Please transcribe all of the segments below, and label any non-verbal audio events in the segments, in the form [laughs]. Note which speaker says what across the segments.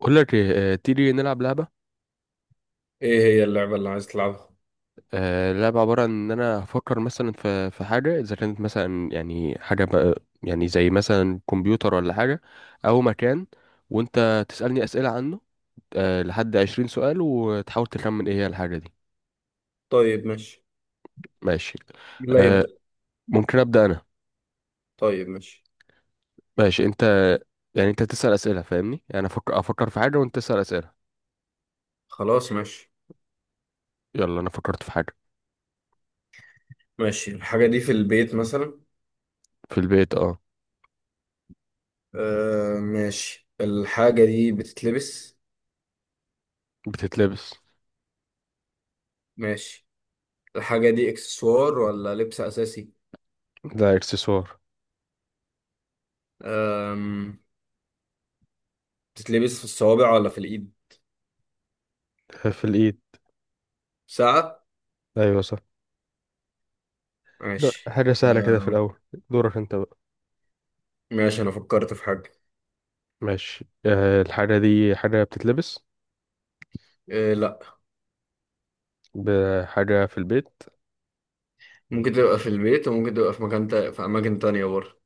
Speaker 1: بقول لك إيه، تيجي نلعب لعبة.
Speaker 2: ايه هي اللعبة اللي عايز تلعبها؟
Speaker 1: اللعبة عبارة عن إن أنا أفكر مثلا في حاجة إذا كانت مثلا يعني حاجة بقى، يعني زي مثلا كمبيوتر ولا حاجة، أو مكان، وأنت تسألني أسئلة عنه. لحد 20 سؤال وتحاول تخمن إيه هي الحاجة دي.
Speaker 2: طيب ماشي.
Speaker 1: ماشي.
Speaker 2: لا
Speaker 1: آه،
Speaker 2: يبدأ.
Speaker 1: ممكن أبدأ أنا.
Speaker 2: طيب ماشي.
Speaker 1: ماشي أنت. يعني أنت تسأل أسئلة، فاهمني؟ يعني أفكر في حاجة وأنت تسأل أسئلة.
Speaker 2: خلاص ماشي.
Speaker 1: يلا، أنا فكرت في حاجة.
Speaker 2: ماشي، الحاجة دي في البيت مثلا؟
Speaker 1: في البيت، أه.
Speaker 2: آه ماشي. الحاجة دي بتتلبس؟
Speaker 1: بتتلبس.
Speaker 2: ماشي. الحاجة دي اكسسوار ولا لبس أساسي؟
Speaker 1: ده إكسسوار.
Speaker 2: أم... بتتلبس في الصوابع ولا في الإيد؟
Speaker 1: في الإيد.
Speaker 2: ساعة؟
Speaker 1: أيوة صح. حلو،
Speaker 2: ماشي.
Speaker 1: حاجة سهلة كده في
Speaker 2: آه
Speaker 1: الأول. دورك أنت بقى.
Speaker 2: ماشي، أنا فكرت في حاجة.
Speaker 1: ماشي. أه، الحاجة دي حاجة بتتلبس.
Speaker 2: آه لا.
Speaker 1: بحاجة في البيت.
Speaker 2: ممكن تبقى في البيت وممكن تبقى في أماكن تانية برضه.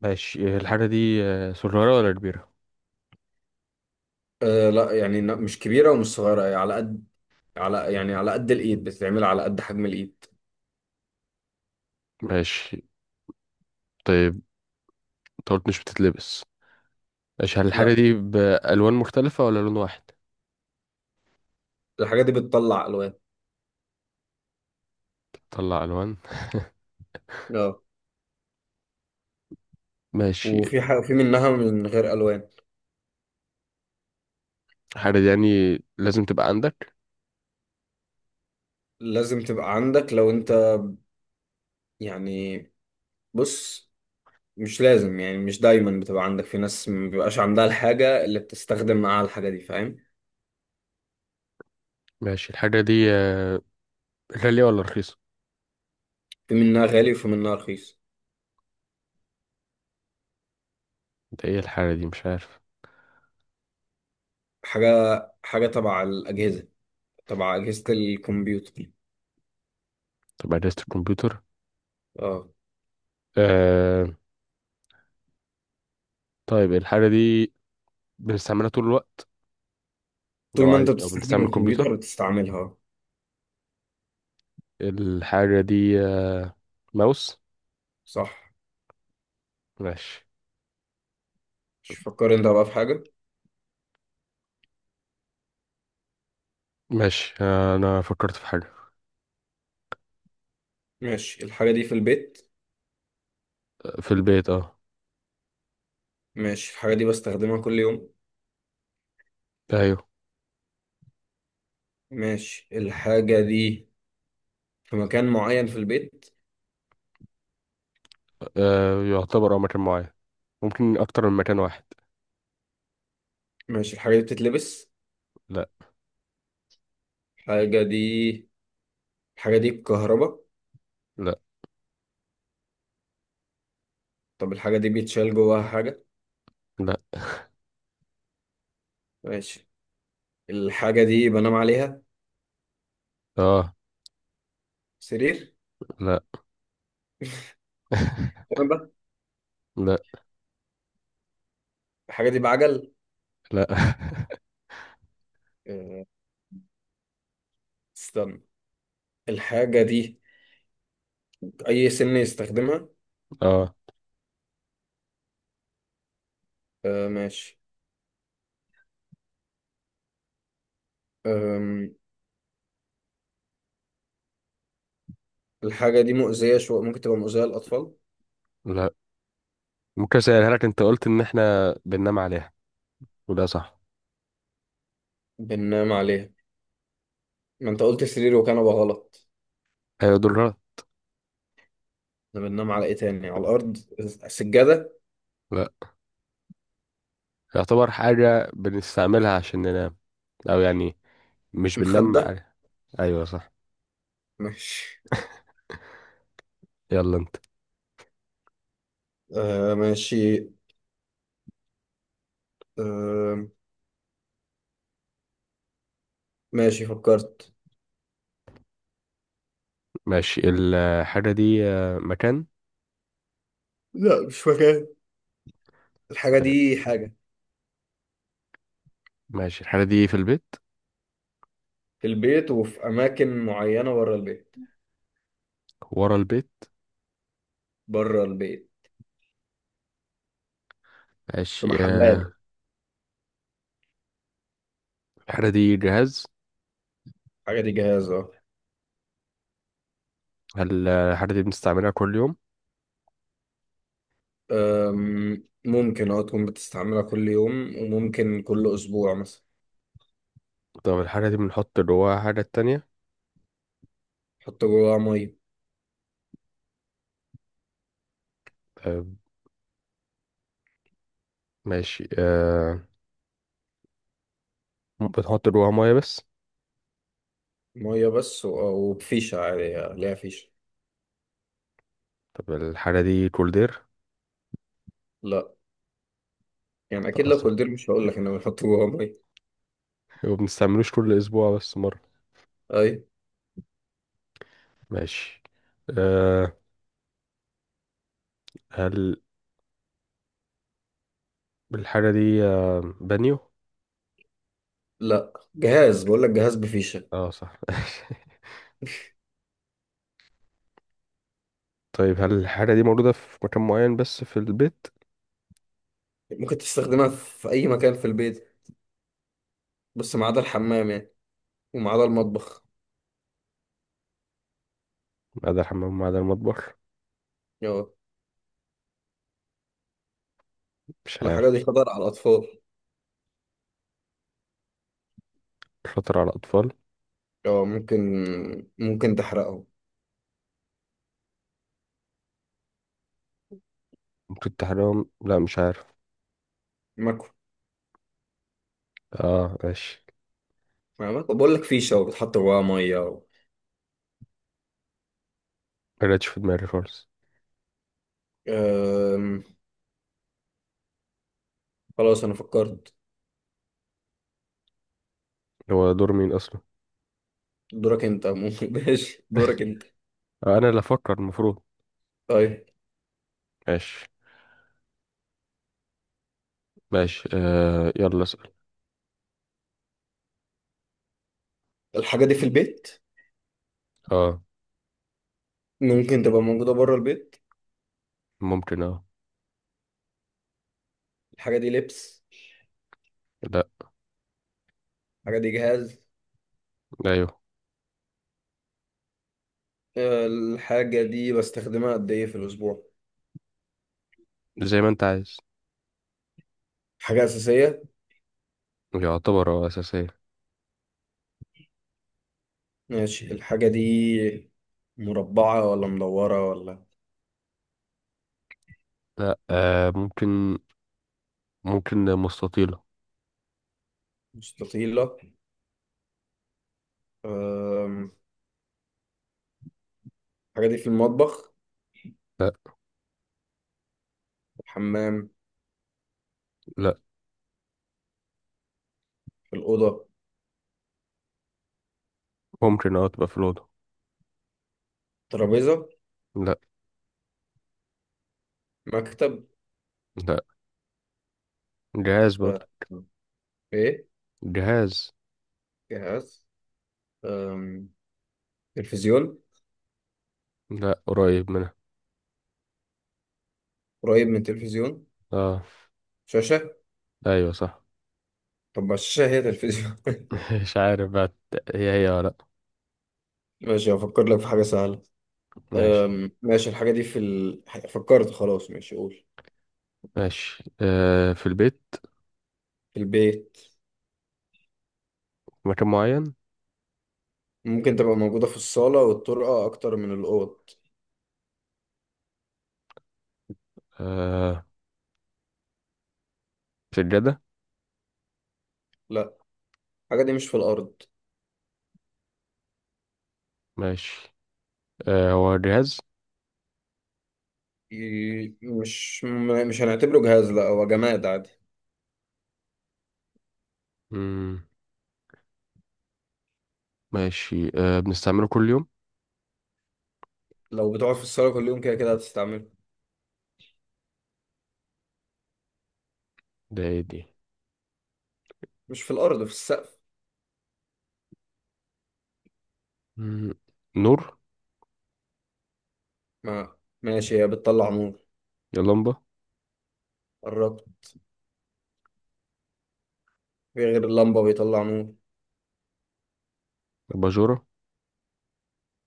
Speaker 1: ماشي. الحاجة دي صغيرة ولا كبيرة؟
Speaker 2: آه لا، يعني لا، مش كبيرة ومش صغيرة، يعني على قد، على يعني على قد الايد، بتتعمل على قد حجم الايد.
Speaker 1: ماشي. طيب، أنت قلت مش بتتلبس. ماشي، هل الحاجة
Speaker 2: لا.
Speaker 1: دي بألوان مختلفة ولا لون واحد؟
Speaker 2: الحاجه دي بتطلع الوان.
Speaker 1: طلع ألوان.
Speaker 2: اه.
Speaker 1: ماشي.
Speaker 2: وفي حاجه في منها من غير الوان.
Speaker 1: الحاجة دي يعني لازم تبقى عندك.
Speaker 2: لازم تبقى عندك لو انت، يعني، بص، مش لازم، يعني مش دايما بتبقى عندك، في ناس ما بيبقاش عندها الحاجه اللي بتستخدم معاها الحاجه دي، فاهم؟
Speaker 1: ماشي. الحاجة دي غالية ولا رخيصة؟
Speaker 2: في منها غالي وفي منها رخيص.
Speaker 1: ده إيه الحاجة دي؟ مش عارف.
Speaker 2: حاجه حاجه تبع الاجهزه، تبع اجهزه الكمبيوتر.
Speaker 1: طب أجهزة الكمبيوتر.
Speaker 2: اه.
Speaker 1: أه. طيب الحاجة دي بنستعملها طول الوقت، لو
Speaker 2: طول ما انت
Speaker 1: عادي، لو
Speaker 2: بتستخدم
Speaker 1: بنستعمل الكمبيوتر.
Speaker 2: الكمبيوتر بتستعملها.
Speaker 1: الحاجة دي ماوس.
Speaker 2: صح.
Speaker 1: ماشي.
Speaker 2: مش فكر انت بقى في حاجه.
Speaker 1: ماشي، أنا فكرت في حاجة.
Speaker 2: ماشي، الحاجه دي في البيت؟
Speaker 1: في البيت، اه.
Speaker 2: ماشي، الحاجة دي بستخدمها كل يوم؟
Speaker 1: أيوه.
Speaker 2: ماشي، الحاجة دي في مكان معين في البيت؟
Speaker 1: يعتبر مكان معين. ممكن أكتر من مكان واحد.
Speaker 2: ماشي، الحاجة دي بتتلبس؟
Speaker 1: لا.
Speaker 2: الحاجة دي، الحاجة دي بكهرباء؟
Speaker 1: لا.
Speaker 2: طب الحاجة دي بيتشال جواها حاجة؟
Speaker 1: لا.
Speaker 2: ماشي، الحاجة دي بنام عليها؟
Speaker 1: اه.
Speaker 2: سرير؟
Speaker 1: لا. [laughs]
Speaker 2: كنبة؟
Speaker 1: لا.
Speaker 2: الحاجة دي بعجل؟
Speaker 1: لا.
Speaker 2: أه، استنى، الحاجة دي أي سن يستخدمها؟
Speaker 1: [laughs] اه.
Speaker 2: أه ماشي. أم، الحاجة دي مؤذية شوية، ممكن تبقى مؤذية للأطفال؟
Speaker 1: لا. ممكن أسألها لك؟ أنت قلت إن إحنا بننام عليها، وده صح؟
Speaker 2: بننام عليها؟ ما أنت قلت سرير وكنبة غلط.
Speaker 1: أيوة، دول غلط.
Speaker 2: احنا بننام على ايه تاني، على الارض؟ سجادة؟
Speaker 1: لا. يعتبر حاجة بنستعملها عشان ننام، أو يعني مش بننام
Speaker 2: مخدة؟
Speaker 1: عليها. أيوة صح.
Speaker 2: ماشي.
Speaker 1: يلا انت.
Speaker 2: آه ماشي. آه ماشي، فكرت.
Speaker 1: ماشي. الحاجة دي مكان.
Speaker 2: لا مش مكان، الحاجة
Speaker 1: آه،
Speaker 2: دي حاجة.
Speaker 1: ماشي. الحاجة دي في البيت؟
Speaker 2: في البيت وفي أماكن معينة بره البيت.
Speaker 1: ورا البيت.
Speaker 2: بره البيت. في
Speaker 1: ماشي.
Speaker 2: محلات.
Speaker 1: الحاجة دي جهاز؟
Speaker 2: الحاجة دي جهاز، اه.
Speaker 1: هل الحاجة دي بنستعملها كل يوم؟
Speaker 2: ممكن تكون بتستعملها كل يوم وممكن كل أسبوع مثلا.
Speaker 1: طب الحاجة دي بنحط جواها حاجة تانية؟
Speaker 2: حط جواها مية.
Speaker 1: آه، ماشي. بنحط جواها مية بس؟
Speaker 2: مية بس وبفيشة عادي، ليها فيشة.
Speaker 1: طب الحاجة دي كولدير؟
Speaker 2: لا، يعني أكيد
Speaker 1: لا
Speaker 2: لو
Speaker 1: أصلا.
Speaker 2: قلت لي مش هقول لك إن بنحط جواها مية.
Speaker 1: [laughs] وبنستعملوش كل أسبوع، بس مرة.
Speaker 2: أي.
Speaker 1: ماشي. آه، هل الحاجة دي بانيو؟
Speaker 2: لا جهاز، بقول لك جهاز بفيشة.
Speaker 1: اه صح. [laughs] طيب، هل الحاجة دي موجودة في مكان معين بس في البيت؟
Speaker 2: ممكن تستخدمها في أي مكان في البيت، بس ما عدا الحمام يعني، وما عدا المطبخ.
Speaker 1: ما عدا الحمام، ما عدا المطبخ.
Speaker 2: اه.
Speaker 1: مش عارف.
Speaker 2: الحاجة دي خطر على الأطفال.
Speaker 1: شاطر على الأطفال؟
Speaker 2: اه ممكن. ممكن تحرقهم.
Speaker 1: ممكن تحرمهم. لا، مش عارف.
Speaker 2: ماكو.
Speaker 1: اه، ماشي.
Speaker 2: ماكو، بقول لك فيشة وبتحط جواها مية و...
Speaker 1: ما جاتش في دماغي خالص.
Speaker 2: أم... خلاص أنا فكرت.
Speaker 1: هو دور مين أصلا؟
Speaker 2: دورك أنت، ممكن. [laughs] ماشي،
Speaker 1: [laughs]
Speaker 2: دورك أنت.
Speaker 1: أنا اللي أفكر المفروض.
Speaker 2: طيب.
Speaker 1: ماشي. ماشي، يلا اسأل.
Speaker 2: الحاجة دي في البيت؟
Speaker 1: اه.
Speaker 2: ممكن تبقى موجودة بره البيت.
Speaker 1: ممكن، اه.
Speaker 2: الحاجة دي لبس؟
Speaker 1: لا.
Speaker 2: الحاجة دي جهاز.
Speaker 1: أيوه.
Speaker 2: الحاجة دي بستخدمها قد إيه في الأسبوع؟
Speaker 1: زي ما أنت عايز.
Speaker 2: حاجة أساسية.
Speaker 1: يعتبر هو أساسية.
Speaker 2: ماشي، الحاجة دي مربعة ولا مدورة ولا؟
Speaker 1: لا، ممكن مستطيلة.
Speaker 2: مستطيلة. أم، الحاجة دي في المطبخ؟
Speaker 1: لا.
Speaker 2: في الحمام؟
Speaker 1: لا.
Speaker 2: في الأوضة؟
Speaker 1: ممكن، تبقى في الأوضة.
Speaker 2: ترابيزة؟
Speaker 1: لا.
Speaker 2: مكتب؟
Speaker 1: لا. جهاز برضه.
Speaker 2: أه، إيه،
Speaker 1: جهاز.
Speaker 2: جهاز. أم، تلفزيون؟
Speaker 1: لا، قريب منها.
Speaker 2: قريب من تلفزيون؟
Speaker 1: اه.
Speaker 2: شاشة.
Speaker 1: أيوه صح.
Speaker 2: طب ما الشاشة هي تلفزيون. [laughs]
Speaker 1: [laughs] مش عارف بقى. هي هي ولا لأ؟
Speaker 2: ماشي، هفكر لك في حاجة سهلة.
Speaker 1: ماشي.
Speaker 2: ماشي، الحاجة دي فكرت، خلاص ماشي قول.
Speaker 1: ماشي. في البيت.
Speaker 2: في البيت.
Speaker 1: في مكان معين.
Speaker 2: ممكن تبقى موجودة في الصالة والطرقة أكتر من الأوض.
Speaker 1: آه سجادة.
Speaker 2: لا الحاجة دي مش في الأرض.
Speaker 1: ماشي. هو جهاز.
Speaker 2: مش هنعتبره جهاز، لا هو جماد عادي.
Speaker 1: مم. ماشي، بنستعمله كل يوم؟
Speaker 2: لو بتقعد في الصالة كل يوم، كده كده هتستعمله.
Speaker 1: ده ايه دي؟
Speaker 2: مش في الأرض، في السقف.
Speaker 1: مم. نور.
Speaker 2: ما ماشي، هي بتطلع نور.
Speaker 1: يا لمبة.
Speaker 2: قربت. في غير اللمبة بيطلع نور.
Speaker 1: أباجورة.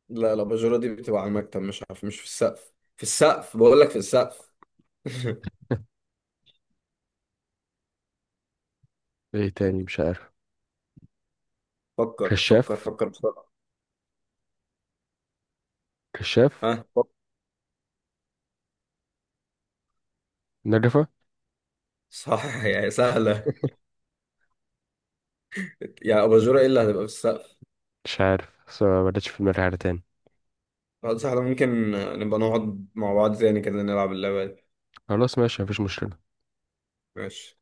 Speaker 2: لا الأباجورة دي بتبقى على المكتب، مش عارف، مش في السقف، في السقف بقول لك، في السقف. [laughs]
Speaker 1: ايه تاني؟ مش عارف.
Speaker 2: فكر، فكر،
Speaker 1: كشاف.
Speaker 2: فكر بسرعة.
Speaker 1: كشاف.
Speaker 2: ها فكر.
Speaker 1: نجفة.
Speaker 2: صح يا سهلة. يا أباجورة، إيه اللي هتبقى في السقف؟
Speaker 1: مش عارف، بس ما بدأتش في دماغي حاجة تاني.
Speaker 2: خلاص سهلة، ممكن نبقى نقعد مع بعض تاني كده، نلعب اللعبة دي.
Speaker 1: خلاص، ماشي، مفيش مشكلة.
Speaker 2: ماشي.